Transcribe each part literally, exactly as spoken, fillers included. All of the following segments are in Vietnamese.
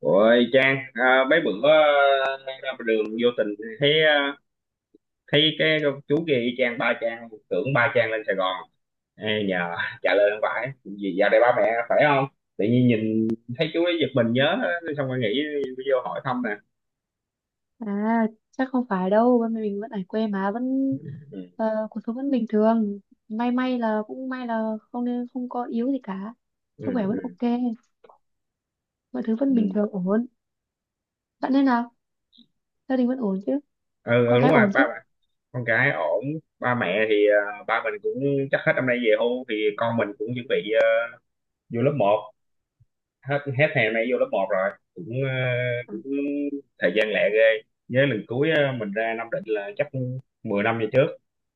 Ôi Trang, à, mấy bữa ờ, đang ra đường vô tình thấy ờ, thấy cái chú kia y chang ba Trang, tưởng ba Trang lên Sài Gòn. Ê, nhờ trả lời không phải, vì vào đây ba mẹ phải không? Tự nhiên nhìn thấy chú ấy giật mình nhớ xong rồi nghĩ vô hỏi thăm nè. À, chắc không phải đâu, bên mình vẫn ở quê mà vẫn Ừ, ờ, cuộc sống vẫn bình thường. May may là cũng may là không, nên không có yếu gì cả. ừ, Sức khỏe vẫn ừ, ok, mọi thứ vẫn bình ừ. thường ổn. Bạn thế nào? Gia đình vẫn ổn chứ? Ừ, ừ, Con đúng cái rồi, ổn chứ? ba mẹ con cái ổn, ba mẹ thì ờ, ba mình cũng chắc hết năm nay về hưu thì con mình cũng chuẩn bị ờ, vô lớp một. Hết hết hè nay vô lớp một rồi cũng ờ, Ừ. cũng thời gian lẹ ghê. Nhớ lần cuối ờ, mình ra Nam Định là chắc mười năm về trước,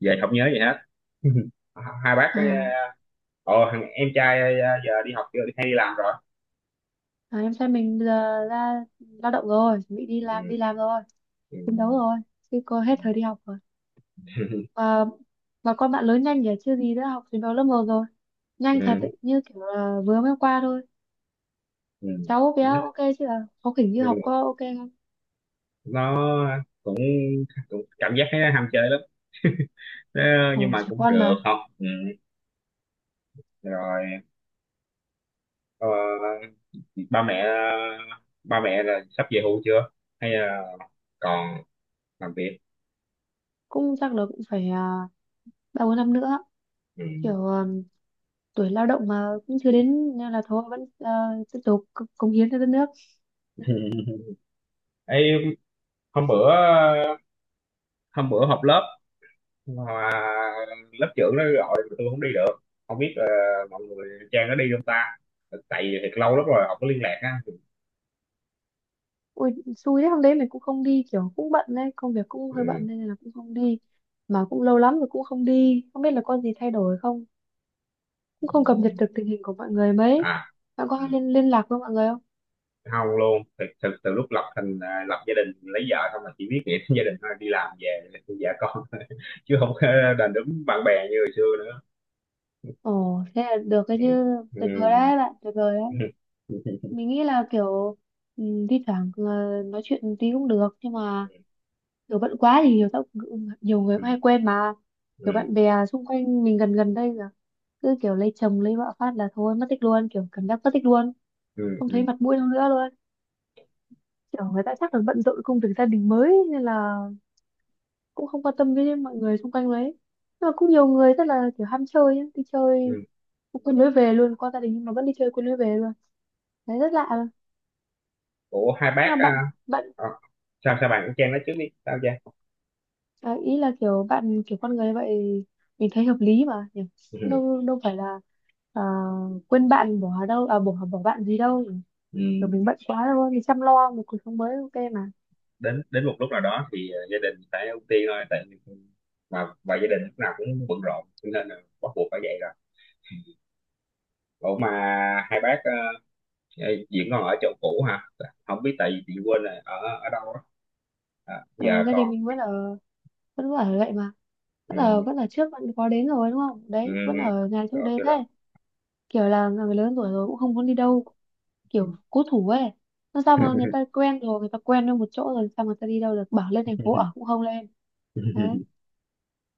về không nhớ gì hết. Hai bác ờ, À, ồ thằng em trai ờ, giờ đi học chưa hay đi làm rồi? à, em trai mình bây giờ ra lao động rồi, chuẩn bị đi làm Ừ. đi làm rồi, Ừ. chiến đấu rồi, chứ cô hết thời đi học rồi. Và và con bạn lớn nhanh nhỉ, chưa gì đã học chiến đấu lớp một rồi. Nhanh thật Ừ. ấy, như kiểu là vừa mới hôm qua thôi. Ừ. Cháu bé ok chứ, là có kiểu như Ừ. học có ok không? Nó cũng cảm giác nó ham chơi lắm. Ờ, nhưng Ồ, mà trẻ cũng con được mà. không ừ. Rồi ờ, ba mẹ ba mẹ là sắp về hưu chưa hay là còn làm việc? Cũng chắc là cũng phải à, ba bốn năm nữa, Ừ. kiểu à, tuổi lao động mà cũng chưa đến nên là thôi vẫn à, tiếp tục c- cống hiến cho đất nước. Ê, hôm bữa hôm bữa họp lớp mà lớp trưởng nó gọi mà tôi không đi được, không biết ờ, mọi người Trang nó đi không ta, tại vì thiệt lâu lắm rồi không có liên lạc á. Ui, xui đấy, hôm đấy mình cũng không đi, kiểu cũng bận đấy, công việc cũng hơi Ừ. bận nên là cũng không đi, mà cũng lâu lắm rồi cũng không đi, không biết là có gì thay đổi không, cũng không cập nhật được tình hình của mọi người mấy. À, Bạn có à, hay liên liên lạc với mọi người không? không luôn, thực thực từ lúc lập thành à, lập gia đình lấy vợ xong là chỉ biết nghĩ đến gia đình thôi, đi làm về vợ con chứ không có đàn đúm bạn bè như hồi xưa nữa. Ồ thế là được cái Ừ. chứ, tuyệt Ừ. vời đấy bạn, tuyệt vời đấy. Ừ. Ừ. Mình nghĩ là kiểu ừ, thi thoảng ờ, nói chuyện tí cũng được, nhưng mà kiểu bận quá thì nhiều tao cũng- nhiều người cũng hay quên mà. Kiểu Ừ. bạn bè xung quanh mình gần gần đây là cứ kiểu lấy chồng lấy vợ phát là thôi mất tích luôn, kiểu cảm giác mất tích luôn, Ừ. không thấy Ừ. mặt mũi đâu nữa luôn. Kiểu người ta chắc là bận rộn công việc gia đình mới nên là cũng không quan tâm với mọi người xung quanh đấy. Nhưng mà cũng nhiều người rất là kiểu ham chơi ấy, đi chơi Ừ. quên lối về luôn, qua gia đình nhưng mà vẫn đi chơi quên lối về luôn, đấy rất lạ. Ủa, hai Nhưng bác mà bạn à, bạn Ờ, sao sao bạn, cũng Trang nói trước đi, sao Trang? À, ý là kiểu bạn, kiểu con người vậy mình thấy hợp lý mà nhỉ? Ừ. Đâu đâu phải là à, quên bạn, bỏ đâu à, bỏ bỏ bạn gì đâu, Ừ. kiểu mình bận quá đâu, mình chăm lo một cuộc sống mới ok mà. Đến đến một lúc nào đó thì ờ, gia đình phải ưu tiên thôi, tại vì mà và gia đình lúc nào cũng bận rộn cho nên là bắt buộc phải vậy rồi. Ủa mà hai bác ờ, diễn còn ở chỗ cũ hả? Không biết tại vì chị quên là ở ở đâu á. À, Ờ, giờ gia còn đình mình vẫn ở, vẫn ở vậy mà, vẫn ở ừ, vẫn ở trước bạn có đến rồi đúng không, ừ, đấy vẫn ở nhà trước ở đấy chỗ đó. thế. Kiểu là người lớn tuổi rồi cũng không muốn đi đâu, Ừ. kiểu cố thủ ấy, nó sao mà người ta quen rồi, người ta quen ở một chỗ rồi sao mà người ta đi đâu được, bảo lên thành phố ở cũng không lên đấy.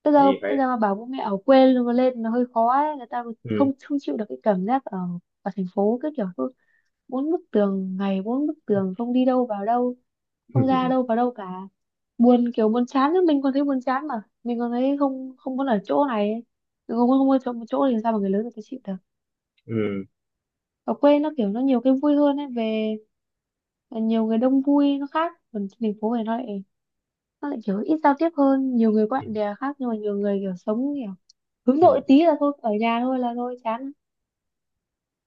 bây giờ Gì bây phải giờ mà bảo bố mẹ ở quê luôn lên nó hơi khó ấy, người ta ừ. không không chịu được cái cảm giác ở, ở thành phố cứ kiểu cứ bốn bức tường, ngày bốn bức tường không đi đâu vào đâu, không ra đâu vào đâu cả, buồn, kiểu buồn chán ấy. Mình còn thấy buồn chán mà, mình còn thấy không không muốn ở chỗ này ấy. Mình không muốn không muốn ở chỗ, một chỗ thì sao mà người lớn người ta chịu được. Ừ. Ở quê nó kiểu nó nhiều cái vui hơn ấy, về nhiều người đông vui nó khác, còn trên thành phố này nó lại, nó lại kiểu ít giao tiếp hơn, nhiều người bạn bè khác nhưng mà nhiều người kiểu sống kiểu hướng Ừ. nội tí là thôi ở nhà thôi, là thôi chán.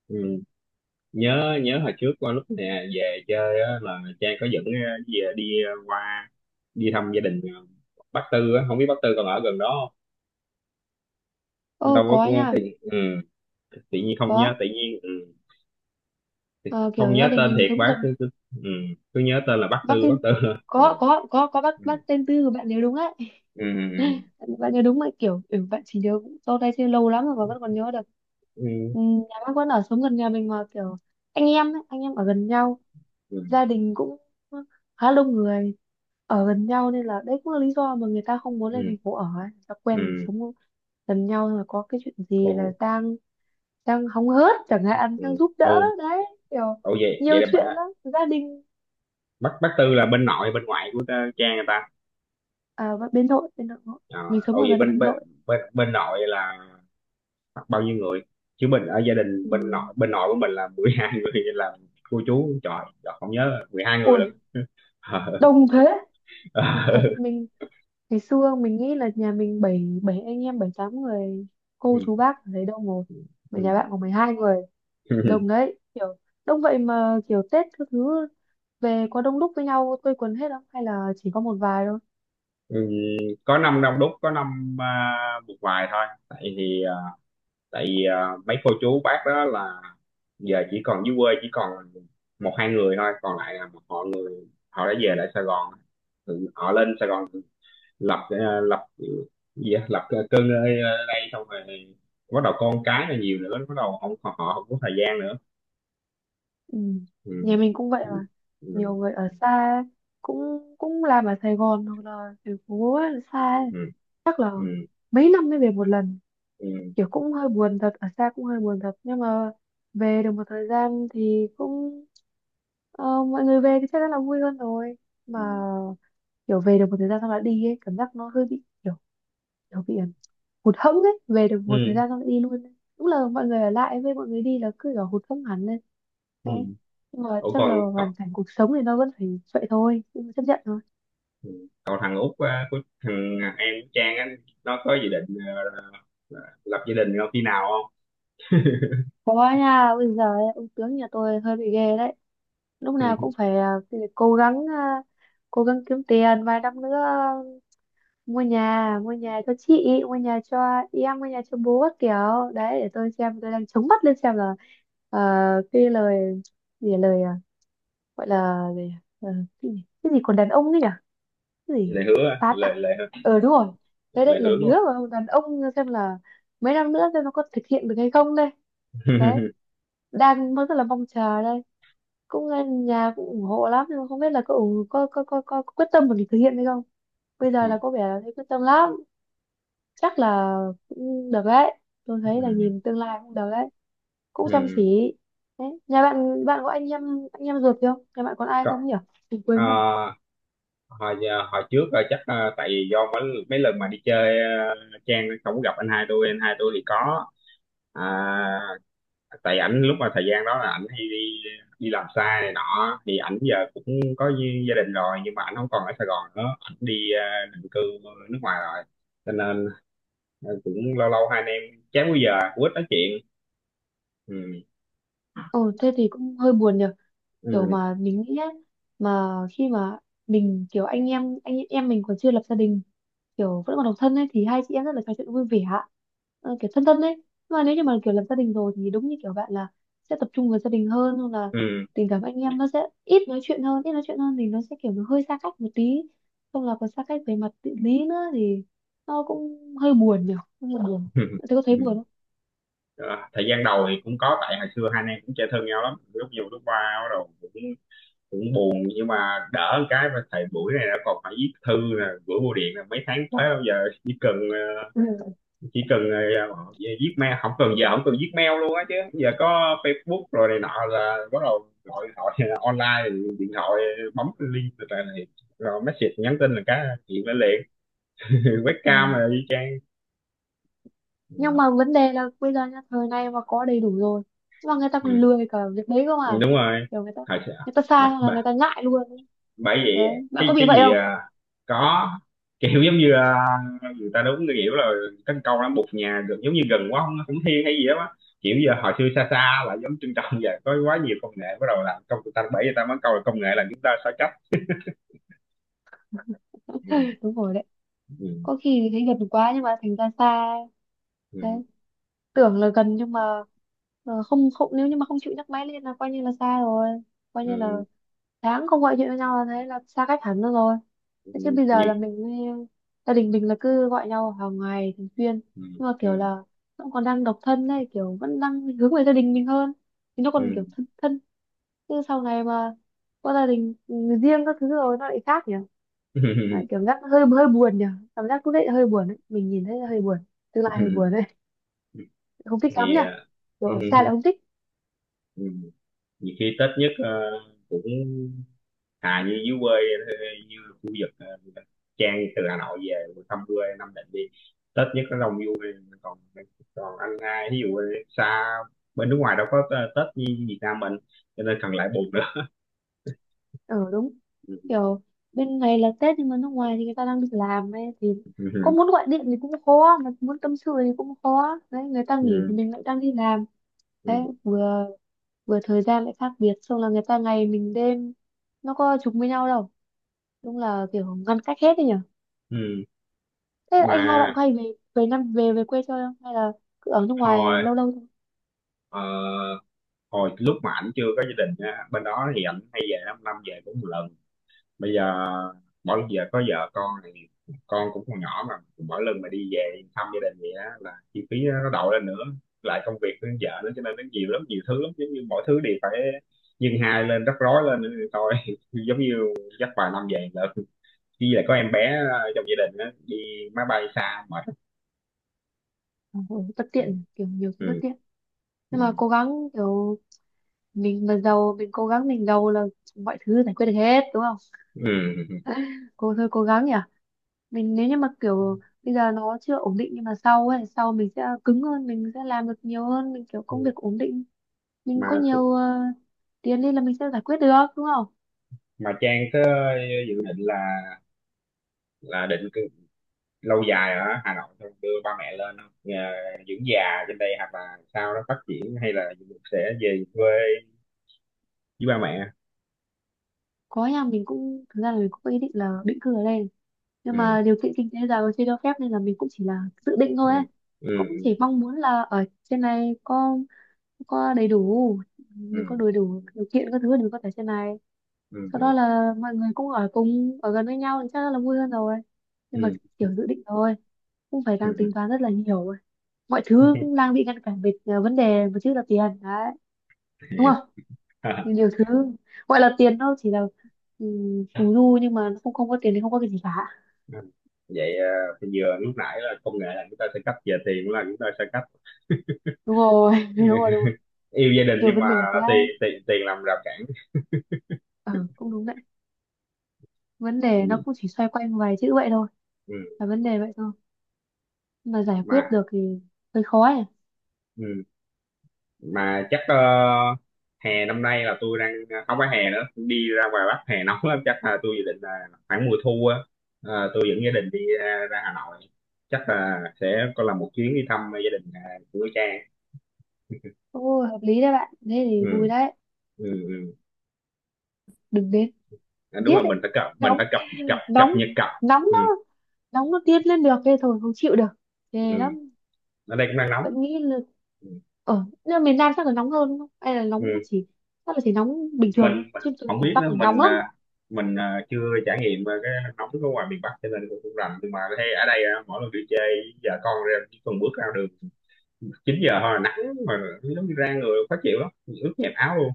Ừ. nhớ nhớ hồi trước, qua lúc nè về chơi á, là Trang có dẫn ờ, về đi ờ, qua đi thăm gia đình ờ, bác Tư á, không biết bác Tư còn ở gần đó không. Đâu Ô có, có cũng nha. tự, ừ, tự nhiên không Có. nhớ, tự nhiên ừ, tự- Ờ, không kiểu nhớ gia đình tên mình thiệt, sống bác gần, cứ cứ, ừ, cứ nhớ tên là bác bác Tư, bác tên Tư. Ừ, có có có có bác bác tên Tư, của bạn nhớ đúng đấy, ừ, ừ, bạn bạn nhớ đúng mà kiểu ừ, bạn chỉ nhớ sau đây chưa lâu lắm rồi mà vẫn còn nhớ được. ừ, Ừ, nhà bác vẫn ở, sống gần nhà mình mà kiểu anh em ấy, anh em ở gần nhau, ừ, ừ, gia đình cũng khá đông người ở gần nhau, nên là đấy cũng là lý do mà người ta không muốn ừ. lên thành phố ở ấy, người ta Ừ, quen ừ. sống gần nhau rồi, có cái chuyện Ồ gì là Giang, Giang hóng hớt chẳng hạn, ừ, Giang giúp đỡ ồ, đấy, kiểu ồ vậy vậy nhiều là bà chuyện lắm gia đình. bác bác Tư là bên nội, bên ngoại của ờ, Trang người ta? À, và bên nội bên nội nội. Ờ, Mình sống ồ ở vậy gần Hà bên bên Nội. bên bên nội là hoặc bao nhiêu người? Chứ mình ở gia đình Ừ. bên nội bên nội của mình là mười hai người nên là cô chú, trời, trời không nhớ mười hai người lận. Ui, Ờ, đông thế, Ờ. thật sự mình, ngày xưa mình nghĩ là nhà mình bảy bảy anh em, bảy tám người cô Ừ, chú bác ở đấy đông rồi, mà ừ. nhà bạn có mười hai người, Ừ, đông đấy kiểu, đông vậy mà kiểu Tết các thứ về có đông đúc với nhau quây quần hết không, hay là chỉ có một vài thôi. Ừ. Có năm đông đúc, có năm à, một vài thôi, tại thì à, tại vì à, mấy cô chú bác đó là giờ chỉ còn dưới quê, chỉ còn một hai người thôi, còn lại là một họ người họ đã về lại Sài Gòn. Tự- họ lên Sài Gòn lập ờ, lập gì á? Lập cơ- cơn ở đây xong rồi bắt đầu con cái là nhiều nữa, bắt đầu không họ, họ không có thời gian nữa. Ừ. Nhà Ừ. mình cũng vậy Ừ. mà, nhiều người ở xa ấy, cũng cũng làm ở Sài Gòn hoặc là thành phố ấy, xa ấy. Ừ. Chắc là Ừ. mấy năm mới về một lần, Ừ. kiểu cũng hơi buồn thật, ở xa cũng hơi buồn thật, nhưng mà về được một thời gian thì cũng ờ, mọi người về thì chắc chắn là vui hơn rồi, mà Ừ. Ừ. kiểu về được một thời gian xong lại đi ấy, cảm giác nó hơi bị kiểu, kiểu bị ờ, hụt hẫng ấy, về được một thời Ừ. gian xong lại đi luôn ấy. Đúng là mọi người ở lại với mọi người đi là cứ kiểu hụt hẫng hẳn lên Ừ. thế, nhưng mà Ủa chắc còn là cậu, hoàn cảnh cuộc sống thì nó vẫn phải vậy thôi, nhưng mà chấp nhận thôi. ừ, cậu thằng út á, của thằng em Trang á, nó có dự định ờ, ờ, lập gia đình không, khi nào không? Có nha, bây giờ ấy, ông tướng nhà tôi hơi bị ghê đấy, lúc nào cũng phải à, cố gắng à, cố gắng kiếm tiền vài năm nữa mua nhà, mua nhà cho chị, mua nhà cho em, mua nhà cho bố các kiểu, đấy để tôi xem, tôi đang chống mắt lên xem là ờ, cái lời gì là lời à, gọi là gì, ờ, cái gì cái gì còn đàn ông ấy nhỉ, cái gì Lời hứa á, phán lời à, lời ờ đúng rồi, đấy lời đấy hứa lời đúng hứa không? của đàn ông, xem là mấy năm nữa xem nó có thực hiện được hay không đây, đấy, đang rất là mong chờ đây. Cũng là nhà cũng ủng hộ lắm, nhưng mà không biết là có ủng có có có, có, quyết tâm mà mình thực hiện hay không. Bây Ừ. giờ là có vẻ là thấy quyết tâm lắm, chắc là cũng được đấy, tôi thấy là Ừ. nhìn tương lai cũng được đấy, cũng chăm Ừ. chỉ đấy. Nhà bạn bạn có anh em anh em ruột gì không, nhà bạn còn ai Cậu- không nhỉ, mình ờ, quên rồi. hồi giờ- hồi trước rồi chắc ờ, tại vì do mấy, mấy lần mà đi chơi ờ, Trang không có gặp anh hai tôi anh hai tôi thì có à, tại ảnh lúc mà thời gian đó là ảnh hay đi đi làm xa này nọ thì ảnh giờ cũng có gi- gia đình rồi, nhưng mà ảnh không còn ở Sài Gòn nữa, ảnh đi ờ, định cư nước ngoài rồi, cho nên ờ, cũng lâu lâu hai anh em chán, bây giờ cũng ít nói chuyện. Ừ. Ồ thế thì cũng hơi buồn nhỉ, kiểu Ừ. mà mình nghĩ á, mà khi mà mình kiểu anh em anh em mình còn chưa lập gia đình, kiểu vẫn còn độc thân ấy, thì hai chị em rất là trò chuyện vui vẻ ạ. Ờ, kiểu thân thân ấy, nhưng mà nếu như mà kiểu lập gia đình rồi thì đúng như kiểu bạn là sẽ tập trung vào gia đình hơn, hoặc là Ừ. tình cảm anh em nó sẽ ít nói chuyện hơn, ít nói chuyện hơn thì nó sẽ kiểu nó hơi xa cách một tí, không là còn xa cách về mặt địa lý nữa thì nó cũng hơi buồn nhỉ, hơi buồn. Bạn thấy, có thấy Ừ. buồn không? Ờ, thời gian đầu thì cũng có, tại hồi xưa hai anh em cũng chơi thân nhau lắm, lúc nhiều lúc qua bắt đầu cũng cũng buồn, nhưng mà đỡ một cái, mà thầy buổi này đã còn phải viết thư nè, gửi bưu điện là mấy tháng tới, bây giờ chỉ cần ờ, Ừ. chỉ cần ờ, viết mail, không cần, giờ không cần viết mail luôn á, chứ giờ có Facebook rồi này nọ là bắt đầu gọi gọi online, điện thoại, bấm link từ này này. Rồi message nhắn tin là cái chuyện lên liền. Ừ. Webcam rồi y chang. Ừ. Nhưng mà vấn đề là bây giờ nhá, thời nay mà có đầy đủ rồi nhưng mà người ta còn lười cả việc đấy cơ Ừ, mà, đúng rồi kiểu người ta, thời sự- người ta xa Mà- xong là người ta ngại luôn bởi vậy đấy, bạn cái có bị cái vậy gì không? à, có kiểu giống như à, người ta đúng cái kiểu là cái câu nó bụt nhà gần, giống như gần quá không cũng thiên hay gì đó á. Kiểu giờ hồi xưa xa xa là giống trân trọng vậy, có quá nhiều công nghệ bắt đầu làm công, người ta bảy người ta mới câu là công nghệ là chúng ta sao chấp. Ừ, Đúng rồi đấy, ừ, có khi thì thấy gần quá nhưng mà thành ra xa ừ, đấy, tưởng là gần nhưng mà ờ, không không nếu như mà không chịu nhấc máy lên là coi như là xa rồi, coi như là ừ, tháng không gọi điện với nhau là thấy là xa cách hẳn luôn rồi. ừ, Thế chứ bây giờ nhiều là mình với- gia đình mình là cứ gọi nhau hàng ngày thường xuyên, ừ, nhưng mà kiểu ừ, là nó còn đang độc thân đây, kiểu vẫn đang hướng về gia đình mình hơn thì nó còn ừ. kiểu thân thân, chứ sau này mà có gia đình riêng các thứ rồi nó lại khác nhỉ. Lại kiểu giác hơi hơi buồn nhỉ, cảm giác lúc đấy hơi buồn đấy, mình nhìn thấy hơi buồn, tương lai hơi buồn đấy, không thích lắm Thì nhỉ, à, kiểu xa lại không thích. nhiều khi Tết nhất à, cũng à như dưới quê, như khu vực ờ, Trang từ Hà Nội về thăm quê Nam Định, đi Tết nhất nó đông vui, còn còn anh hai ví dụ xa bên nước ngoài đâu có ờ, Tết như Việt Nam mình, cho nên cần lại buồn nữa. Ừ đúng, Ừ. kiểu bên này là Tết nhưng mà nước ngoài thì người ta đang đi làm ấy, thì có Ừ. muốn gọi điện thì cũng khó mà muốn tâm sự thì cũng khó đấy, người ta nghỉ thì Ừ. mình lại đang đi làm đấy, Ừ. vừa vừa thời gian lại khác biệt, xong là người ta ngày mình đêm, nó có trùng với nhau đâu, đúng là kiểu ngăn cách hết đấy nhở. Ừ. Thế Mà anh hai bạn có hay về, về năm về về quê chơi không, hay là cứ ở nước ngoài hồi lâu lâu thôi. ờ, hồi lúc mà ảnh chưa có gia đình á, bên đó thì ảnh hay về, năm năm về cũng một lần. Bây giờ mỗi giờ có vợ con thì con cũng còn nhỏ, mà mỗi lần mà đi về thăm gia đình vậy á là chi phí nó đậu lên nữa, lại công việc với vợ nữa, cho nên nó nhiều lắm, nhiều thứ lắm, giống như mỗi thứ đều phải nhân hai lên, rắc rối lên nữa thì thôi. Giống như dắt vài năm về là khi lại có em bé ờ, trong gia đình á, đi máy bay xa mệt. Ờ, ừ, bất Ừ. tiện kiểu nhiều thứ bất tiện, Ừ. nhưng mà cố gắng, kiểu mình mà giàu, mình cố gắng mình giàu là mọi thứ giải quyết được hết đúng không? Ừ. Cô thôi cố gắng nhỉ, mình nếu như mà kiểu bây giờ nó chưa ổn định nhưng mà sau ấy, sau mình sẽ cứng hơn, mình sẽ làm được nhiều hơn, mình kiểu Ừ. công việc ổn định, mình có mà nhiều ờ, tiền đi là mình sẽ giải quyết được đúng không? mà Trang có dự định là là định lâu dài ở Hà Nội xong đưa ba mẹ lên không? Nhà dưỡng già trên đây hoặc là sao nó phát triển, hay là sẽ về quê với ba mẹ? Có, nhà mình cũng thực ra là mình cũng có ý định là định cư ở đây, nhưng Ừ, mà điều kiện kinh tế giờ chưa cho phép nên là mình cũng chỉ là dự định thôi ừ, ấy, ừ, cũng chỉ mong muốn là ở trên này có có đầy đủ, ừ, mình có đầy đủ điều kiện các thứ để mình có thể trên này, sau đó ừ, là mọi người cũng ở cùng ở gần với nhau thì chắc là vui hơn rồi, nhưng mà ừ, kiểu dự định rồi cũng phải đang tính ừ, toán rất là nhiều rồi. Mọi thứ ừ. cũng đang bị ngăn cản về à, vấn đề một chữ là tiền đấy, đúng không? Thì nhiều thứ gọi là tiền nó chỉ là um, phù du, nhưng mà nó không không có tiền thì không có cái gì cả. Vậy ờ, thì vừa lúc nãy là công nghệ là chúng ta sẽ cấp, về tiền cũng là chúng ta sẽ cấp. Đúng rồi, đúng rồi đúng rồi, Yêu gia đình nhiều nhưng vấn mà đề quá. tiền, tiền tiền làm rào cản. Ờ cũng đúng đấy, vấn đề nó Ừ. cũng chỉ xoay quanh vài chữ vậy thôi, Ừ. là vấn đề vậy thôi, nhưng mà giải quyết Mà được thì hơi khó ấy. ừ. Mà chắc ờ, hè năm nay là tôi đang ờ, không phải hè nữa, đi ra ngoài Bắc hè nóng lắm, chắc là tôi dự định là khoảng mùa thu á, ờ, tôi dẫn gia đình đi ra, ra Hà Nội, chắc là sẽ có làm một chuyến đi thăm gia đình à, của cha. Ồ, hợp lý đấy bạn, thế Ừ, thì vui đấy. ừ, ừ. Đừng đến À, đúng điếc rồi, ấy, mình phải cập mình nóng, phải cập cập cập nóng, nhật cập nóng ừ, nó, nóng nó điên lên được thế thôi, không chịu được, ừ. ghê lắm. Ở đây cũng đang nóng. Vẫn nghĩ là Ừ. ở, nhưng mà miền Nam chắc là nóng hơn đúng không? Hay là nóng Ừ. chỉ, chắc là chỉ nóng bình mình thường thôi, mình chứ tôi thấy không miền biết Bắc nữa, là nóng mình lắm. à, mình à, chưa trải nghiệm à, cái nóng ở ngoài miền Bắc cho nên cũng không rành, nhưng mà thấy ở đây à, mỗi lần đi chơi vợ con ra chỉ cần bước ra đường chín giờ thôi là nắng, mà giống như ra người khó chịu lắm, ướt nhẹp áo luôn.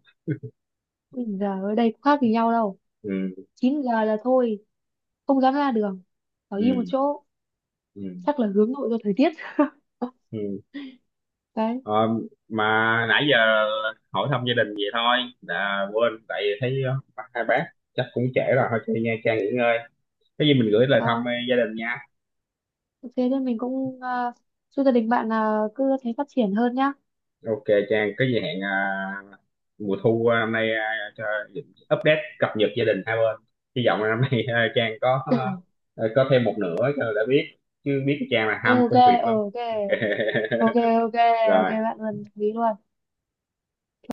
Ui giờ ở đây cũng khác gì nhau đâu, Ừ, chín giờ là thôi không dám ra đường, ở ừ, im một chỗ, ừ, chắc là hướng nội do thời tiết. ừ. Đấy, Ờ, mà nãy giờ hỏi thăm gia đình vậy thôi, đã quên tại vì thấy ờ, bác- hai bác chắc cũng trễ rồi, thôi chơi nha Trang, nghỉ ngơi. Cái gì mình gửi lời thăm ờ, ờ, gia đình nha. ok, thế nên mình cũng uh, chúc gia đình bạn là cứ thế phát triển hơn nhá. Ok Trang, cái gì hẹn ờ, mùa thu ờ, năm nay ờ, cho update, cập nhật gia đình hai bên, hy vọng là năm nay ờ, Trang có ờ, ờ, có thêm một nửa cho đã biết, chứ biết Trang là ham Ok, công việc lắm. ok, ok, ok, ok Rồi. bạn, luôn quý luôn.